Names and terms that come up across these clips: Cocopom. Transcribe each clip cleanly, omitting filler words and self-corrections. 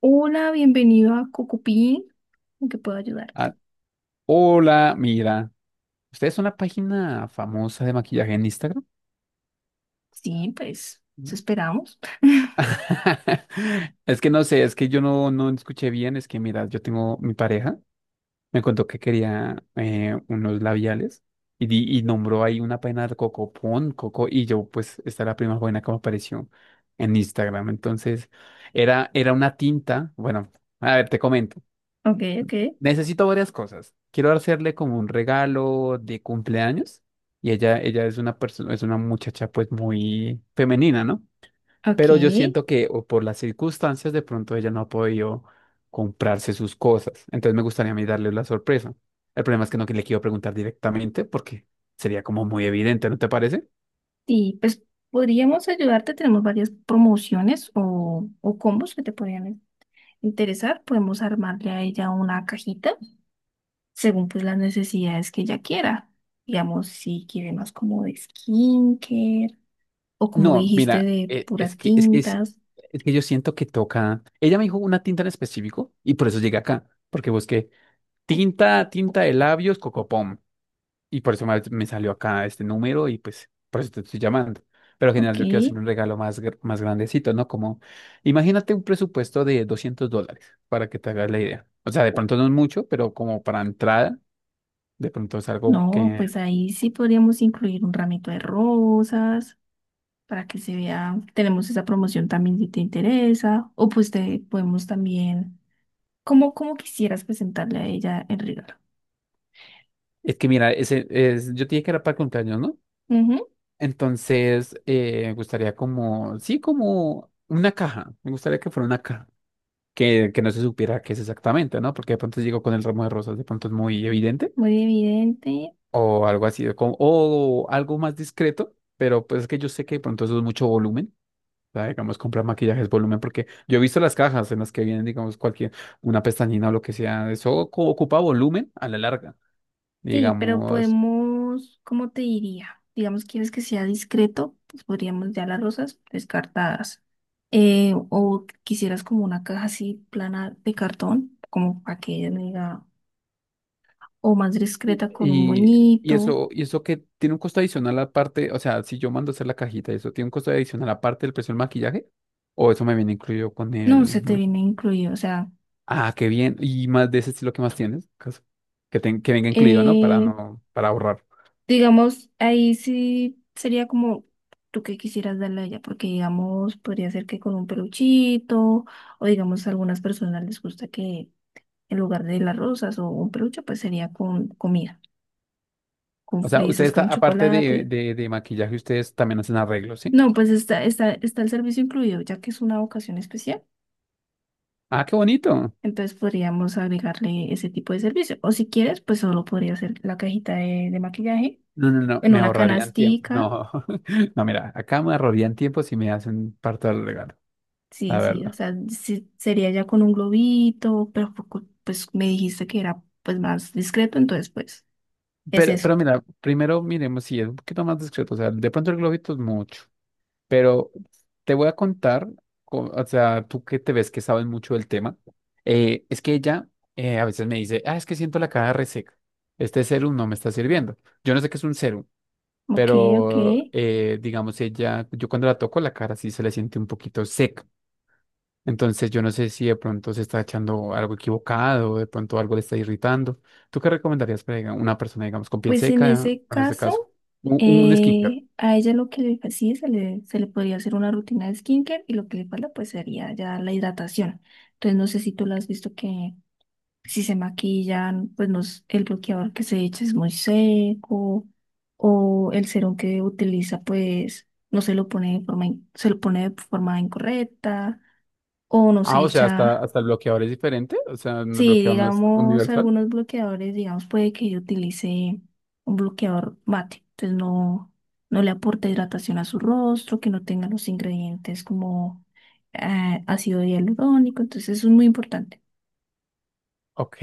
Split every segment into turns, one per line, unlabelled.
Hola, bienvenido a Cocupín. ¿En qué puedo
Ah,
ayudarte?
hola, mira. ¿Ustedes son la página famosa de maquillaje en Instagram?
Sí, pues, eso
Mm.
esperamos.
Es que no sé, es que yo no escuché bien. Es que, mira, yo tengo mi pareja, me contó que quería unos labiales y nombró ahí una página de Coco Pon, Coco, y yo, pues, esta es la primera buena que me apareció en Instagram. Entonces, era una tinta. Bueno, a ver, te comento.
Ok, ok.
Necesito varias cosas. Quiero hacerle como un regalo de cumpleaños y ella es una persona, es una muchacha pues muy femenina, ¿no?
Ok.
Pero yo siento que o por las circunstancias de pronto ella no ha podido comprarse sus cosas. Entonces me gustaría a mí darle la sorpresa. El problema es que no que le quiero preguntar directamente porque sería como muy evidente, ¿no te parece?
Y pues podríamos ayudarte. Tenemos varias promociones o combos que te podrían interesar. Podemos armarle a ella una cajita según pues las necesidades que ella quiera. Digamos, si quiere más como de skincare o como
No,
dijiste
mira,
de puras tintas.
es que yo siento que toca. Ella me dijo una tinta en específico y por eso llegué acá, porque busqué tinta de labios, Cocopom. Y por eso me salió acá este número y pues por eso te estoy llamando. Pero en general
Ok.
yo quiero hacer un regalo más, más grandecito, ¿no? Como, imagínate un presupuesto de $200 para que te hagas la idea. O sea, de pronto no es mucho, pero como para entrada, de pronto es algo
No,
que...
pues ahí sí podríamos incluir un ramito de rosas para que se vea. Tenemos esa promoción también si te interesa. O pues te podemos también, como, como quisieras presentarle a ella el regalo.
Es que mira, yo te dije que era para cumpleaños, ¿no?
Ujú,
Entonces, me gustaría como, sí, como una caja. Me gustaría que fuera una caja, que no se supiera qué es exactamente, ¿no? Porque de pronto llegó con el ramo de rosas, de pronto es muy evidente,
muy evidente.
o algo así, o algo más discreto, pero pues es que yo sé que de pronto eso es mucho volumen, o sea, digamos, comprar maquillaje es volumen, porque yo he visto las cajas en las que vienen, digamos, cualquier, una pestañina o lo que sea, eso ocupa volumen a la larga,
Sí, pero
digamos,
podemos, ¿cómo te diría? Digamos, quieres que sea discreto, pues podríamos ya las rosas descartadas. O quisieras como una caja así plana de cartón, como para que ella no diga, o más
y,
discreta con un
y, y
moñito.
eso, y eso que tiene un costo adicional aparte, o sea, si yo mando a hacer la cajita, eso tiene un costo adicional aparte del precio del maquillaje. O eso me viene incluido con
No,
el.
se te viene incluido, o sea,
Ah, qué bien. ¿Y más de ese estilo que más tienes? Caso. Que venga incluido, ¿no? Para
eh,
no, para ahorrar.
digamos, ahí sí sería como tú que quisieras darle a ella, porque digamos, podría ser que con un peluchito, o digamos, a algunas personas les gusta que en lugar de las rosas o un peluche, pues sería con comida, con
O sea, usted
fresas,
está,
con
aparte de,
chocolate.
de, de maquillaje, ustedes también hacen arreglos, ¿sí?
No, pues está el servicio incluido, ya que es una ocasión especial.
Ah, qué bonito.
Entonces podríamos agregarle ese tipo de servicio. O si quieres, pues solo podría ser la cajita de maquillaje
No, no, no,
en
me
una
ahorrarían tiempo.
canastica.
No, no, mira, acá me ahorrarían tiempo si me hacen parte del regalo, la
Sí, sí, o
verdad.
sea, sí, sería ya con un globito, pero poco- pues me dijiste que era pues más discreto, entonces pues es
Pero,
eso.
pero mira, primero miremos si es un poquito más discreto. O sea, de pronto el globito es mucho. Pero te voy a contar, o sea, tú que te ves que sabes mucho del tema, es que ella a veces me dice, ah, es que siento la cara reseca, este serum no me está sirviendo. Yo no sé qué es un serum,
Ok, ok.
pero digamos, ella, yo cuando la toco la cara sí se le siente un poquito seca. Entonces yo no sé si de pronto se está echando algo equivocado, de pronto algo le está irritando. ¿Tú qué recomendarías para una persona, digamos, con piel
Pues en
seca,
ese
en este caso?
caso,
Un skincare.
a ella lo que le fa- sí, se le podría hacer una rutina de skincare y lo que le falta pues sería ya la hidratación. Entonces no sé si tú la has visto que si se maquillan, pues nos, el bloqueador que se echa es muy seco o el serum que utiliza, pues no se lo pone de forma, in- se lo pone de forma incorrecta o no
Ah,
se
o sea, hasta,
echa.
hasta el bloqueador es diferente, o sea, el
Sí,
bloqueador no es
digamos,
universal.
algunos bloqueadores, digamos, puede que yo utilice un bloqueador mate, entonces no le aporta hidratación a su rostro, que no tenga los ingredientes como ácido hialurónico, entonces eso es muy importante.
Ok,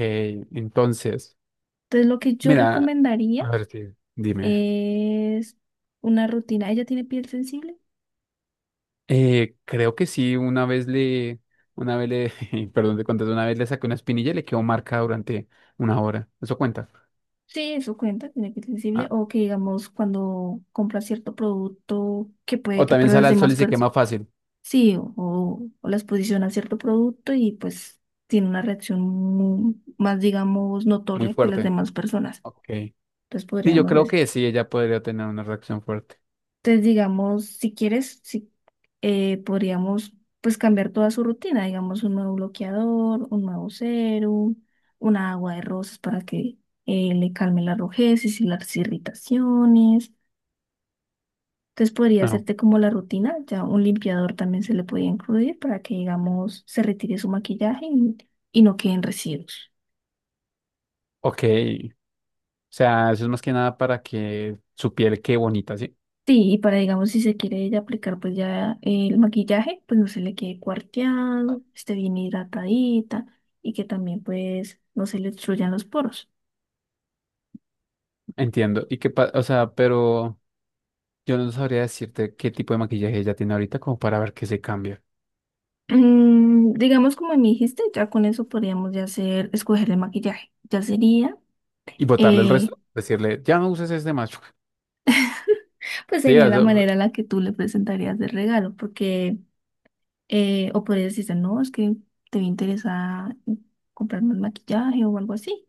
entonces,
Entonces, lo que yo
mira, a
recomendaría
ver, sí, dime.
es una rutina. ¿Ella tiene piel sensible?
Creo que sí, perdón, te conté, una vez le saqué una espinilla y le quedó marca durante una hora. ¿Eso cuenta?
Sí, eso cuenta, tiene piel sensible.
Ah,
O que digamos cuando compra cierto producto que puede
o
que
también
para las
sale al sol
demás
y se
personas.
quema fácil,
Sí, o la exposición a cierto producto y pues tiene una reacción mu- más, digamos,
muy
notoria que las
fuerte.
demás personas.
Ok.
Entonces
Sí, yo
podríamos
creo
decir.
que sí, ella podría tener una reacción fuerte.
Entonces, digamos, si quieres, si, podríamos pues cambiar toda su rutina, digamos, un nuevo bloqueador, un nuevo serum, una agua de rosas para que le calme la rojeces y las irritaciones. Entonces podría
No,
hacerte como la rutina, ya un limpiador también se le podía incluir para que, digamos, se retire su maquillaje y no queden residuos.
ok. O sea, eso es más que nada para que su piel quede bonita, ¿sí?
Sí, y para, digamos, si se quiere ella aplicar, pues ya el maquillaje, pues no se le quede cuarteado, esté bien hidratadita y que también, pues, no se le obstruyan los poros.
Entiendo. Y qué o sea, pero yo no sabría decirte qué tipo de maquillaje ella tiene ahorita como para ver qué se cambia.
Mm, digamos, como me dijiste, ya con eso podríamos ya hacer, escoger el maquillaje. Ya sería,
Y botarle el
eh,
resto, decirle, ya no uses este macho.
pues
Sí,
sería
o
la
sea,
manera en la que tú le presentarías el regalo, porque, o podrías decirte, no, es que te interesa comprarme el maquillaje o algo así.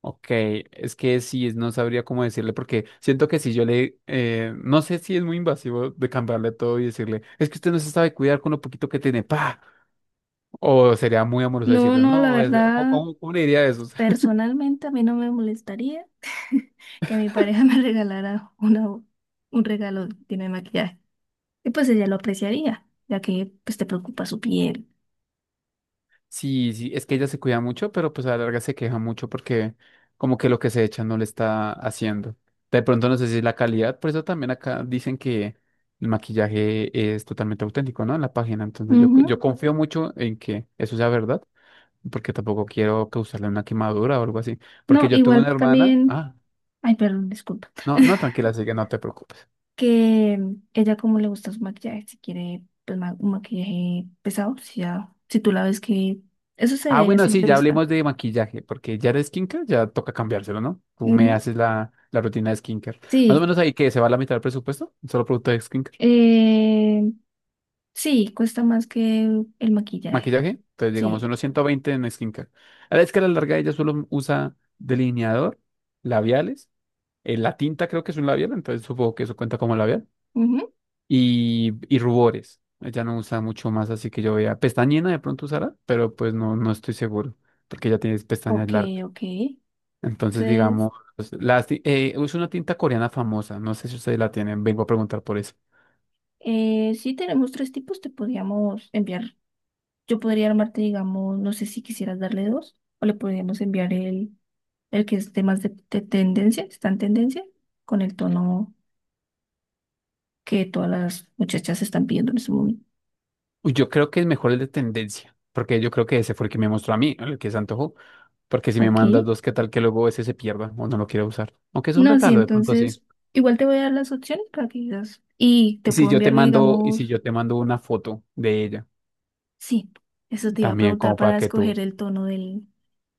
ok, es que sí, no sabría cómo decirle porque siento que si yo le, no sé si es muy invasivo de cambiarle todo y decirle, es que usted no se sabe cuidar con lo poquito que tiene, pa. O sería muy amoroso
No,
decirle,
no, la
no, ¿cómo,
verdad.
cómo- cómo le diría eso?
Personalmente a mí no me molestaría que mi pareja me regalara una, un regalo lleno de maquillaje. Y pues ella lo apreciaría, ya que pues te preocupa su piel.
Sí, sí, es que ella se cuida mucho, pero pues a la larga se queja mucho porque como que lo que se echa no le está haciendo. De pronto no sé si es la calidad, por eso también acá dicen que el maquillaje es totalmente auténtico, ¿no? En la página. Entonces yo,
Ujú.
yo confío mucho en que eso sea verdad, porque tampoco quiero causarle una quemadura o algo así.
No,
Porque yo tuve
igual
una hermana,
también,
ah,
ay, perdón, disculpa,
no, no, tranquila, así que no te preocupes.
que ella como le gusta su maquillaje, si quiere pues ma- un maquillaje pesado, si, ya, si tú la ves que eso se
Ah,
ve a
bueno, sí,
simple
ya
vista.
hablemos de maquillaje, porque ya de skincare ya toca cambiárselo, ¿no? Tú
Ujú.
me haces la rutina de skincare. Más o
Sí,
menos ahí que se va la mitad del presupuesto, solo producto de skincare.
eh, sí, cuesta más que el maquillaje.
Maquillaje, entonces llegamos a
Sí.
unos 120 en skincare. A la vez que larga ella solo usa delineador, labiales, la tinta creo que es un labial, entonces supongo que eso cuenta como labial, y rubores. Ella no usa mucho más, así que yo vea pestañina de pronto usará, pero pues no estoy seguro, porque ella tiene pestañas
Ok,
largas.
ok.
Entonces,
Entonces,
digamos, pues, es una tinta coreana famosa, no sé si ustedes la tienen, vengo a preguntar por eso.
sí tenemos tres tipos, te podríamos enviar. Yo podría armarte, digamos, no sé si quisieras darle dos, o le podríamos enviar el que es de más de tendencia, está en tendencia, con el tono que todas las muchachas están pidiendo en ese momento.
Uy, yo creo que es mejor el de tendencia, porque yo creo que ese fue el que me mostró a mí, el que se antojó, porque si me
Ok.
mandas dos, ¿qué tal que luego ese se pierda o no lo quiera usar? Aunque es un
No, sí,
regalo de pronto así.
entonces, igual te voy a dar las opciones para que digas. Y te
Y si
puedo
yo te
enviar,
mando, y si
digamos,
yo te mando una foto de ella,
sí, eso te iba a
también
preguntar
como
para
para que tú.
escoger el tono del,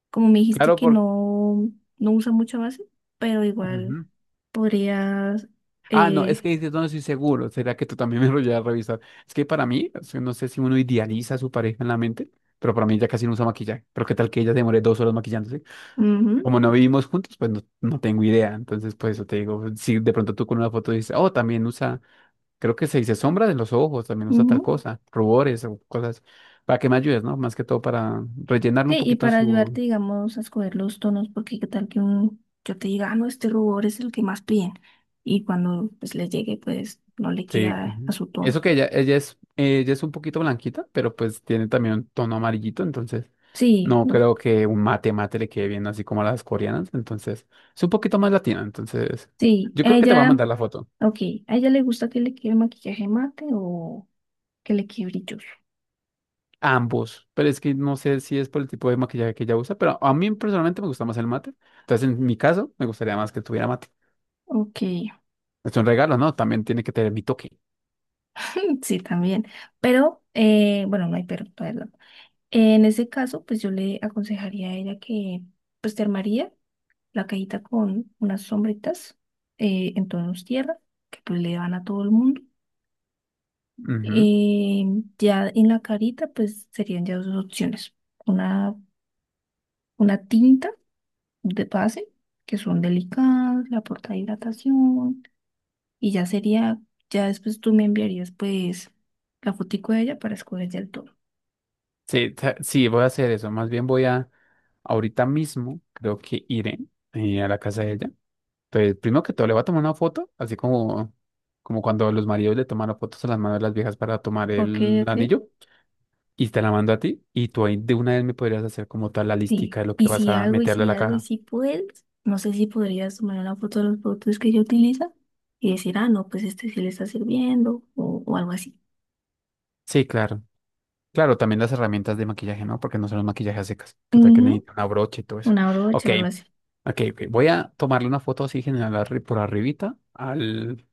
como me dijiste
Claro,
que
porque...
no, no usa mucha base, pero igual podrías...
Ah, no, es
Eh,
que dices, no estoy seguro. ¿Será que tú también me lo llevas a revisar? Es que para mí, o sea, no sé si uno idealiza a su pareja en la mente, pero para mí ella casi no usa maquillaje. Pero qué tal que ella demore 2 horas maquillándose.
ujú,
Como no vivimos juntos, pues no tengo idea. Entonces, pues eso te digo, si de pronto tú con una foto dices, oh, también usa, creo que se dice sombra de los ojos, también usa tal
ujú.
cosa, rubores o cosas, para que me ayudes, ¿no? Más que todo para rellenarle
Sí,
un
y
poquito a
para
su.
ayudarte, digamos, a escoger los tonos, porque qué tal que un, yo te diga, ah, no, este rubor es el que más piden. Y cuando pues le llegue, pues no le
Sí,
queda a su
eso
tono.
que ella es un poquito blanquita, pero pues tiene también un tono amarillito, entonces
Sí,
no
los,
creo que un mate mate le quede bien así como a las coreanas, entonces es un poquito más latina, entonces
sí,
yo
a
creo que te voy a
ella,
mandar la foto,
ok, ¿a ella le gusta que le quede maquillaje mate o que le quede brilloso?
ambos, pero es que no sé si es por el tipo de maquillaje que ella usa, pero a mí personalmente me gusta más el mate, entonces en mi caso me gustaría más que tuviera mate.
Ok,
Es un regalo, ¿no? También tiene que tener mi toque.
sí, también. Pero, bueno, no hay pero, perdón. En ese caso, pues yo le aconsejaría a ella que pues te armaría la cajita con unas sombritas en tonos tierra, que pues le van a todo el mundo.
Ujú.
Eh, ya en la carita, pues serían ya dos opciones. Una, una tinta de base, que son delicadas, la porta hidratación, y ya sería, ya después tú me enviarías pues la fotico de ella para escoger ya el tono.
Sí, sí, voy a hacer eso. Más bien voy a, ahorita mismo, creo que iré a la casa de ella. Entonces, primero que todo, le voy a tomar una foto, así como cuando los maridos le toman las fotos a las manos de las viejas para tomar
Ok,
el
ok.
anillo, y te la mando a ti, y tú ahí de una vez me podrías hacer como tal la
Sí,
listica de lo que vas a meterle a la
y
caja.
si puedes, no sé si podrías tomar una foto de los productos que ella utiliza y decir, ah, no, pues este sí le está sirviendo o algo así.
Sí, claro. Claro, también las herramientas de maquillaje, ¿no? Porque no son los maquillajes a secas, que tal que
Ujú,
necesita una brocha y todo eso.
una brocha
Ok,
o algo así.
ok, ok. Voy a tomarle una foto así general por arribita al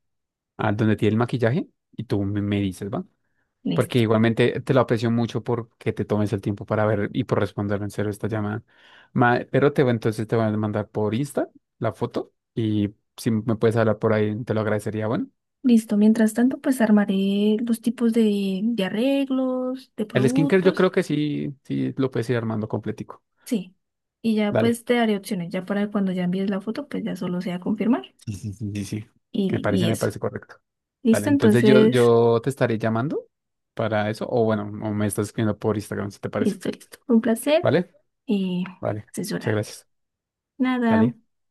a donde tiene el maquillaje y tú me dices, ¿va? Porque
Listo.
igualmente te lo aprecio mucho porque te tomes el tiempo para ver y por responder en serio esta llamada. Entonces te voy a mandar por Insta la foto y si me puedes hablar por ahí, te lo agradecería. Bueno,
Listo. Mientras tanto, pues armaré los tipos de arreglos, de
el skincare yo
productos.
creo que sí, sí lo puedes ir armando completico.
Sí. Y ya
Dale.
pues te daré opciones. Ya para cuando ya envíes la foto, pues ya solo sea confirmar
Sí, sí, sí, sí. sí.
y,
Me
li-
parece,
y
me
eso.
parece correcto. Dale,
Listo,
entonces yo,
entonces,
yo te estaré llamando para eso, o bueno, o me estás escribiendo por Instagram si te parece.
listo, listo. Un placer
¿Vale?
y
Vale. Muchas
asesorarte.
gracias.
Nada.
Dale.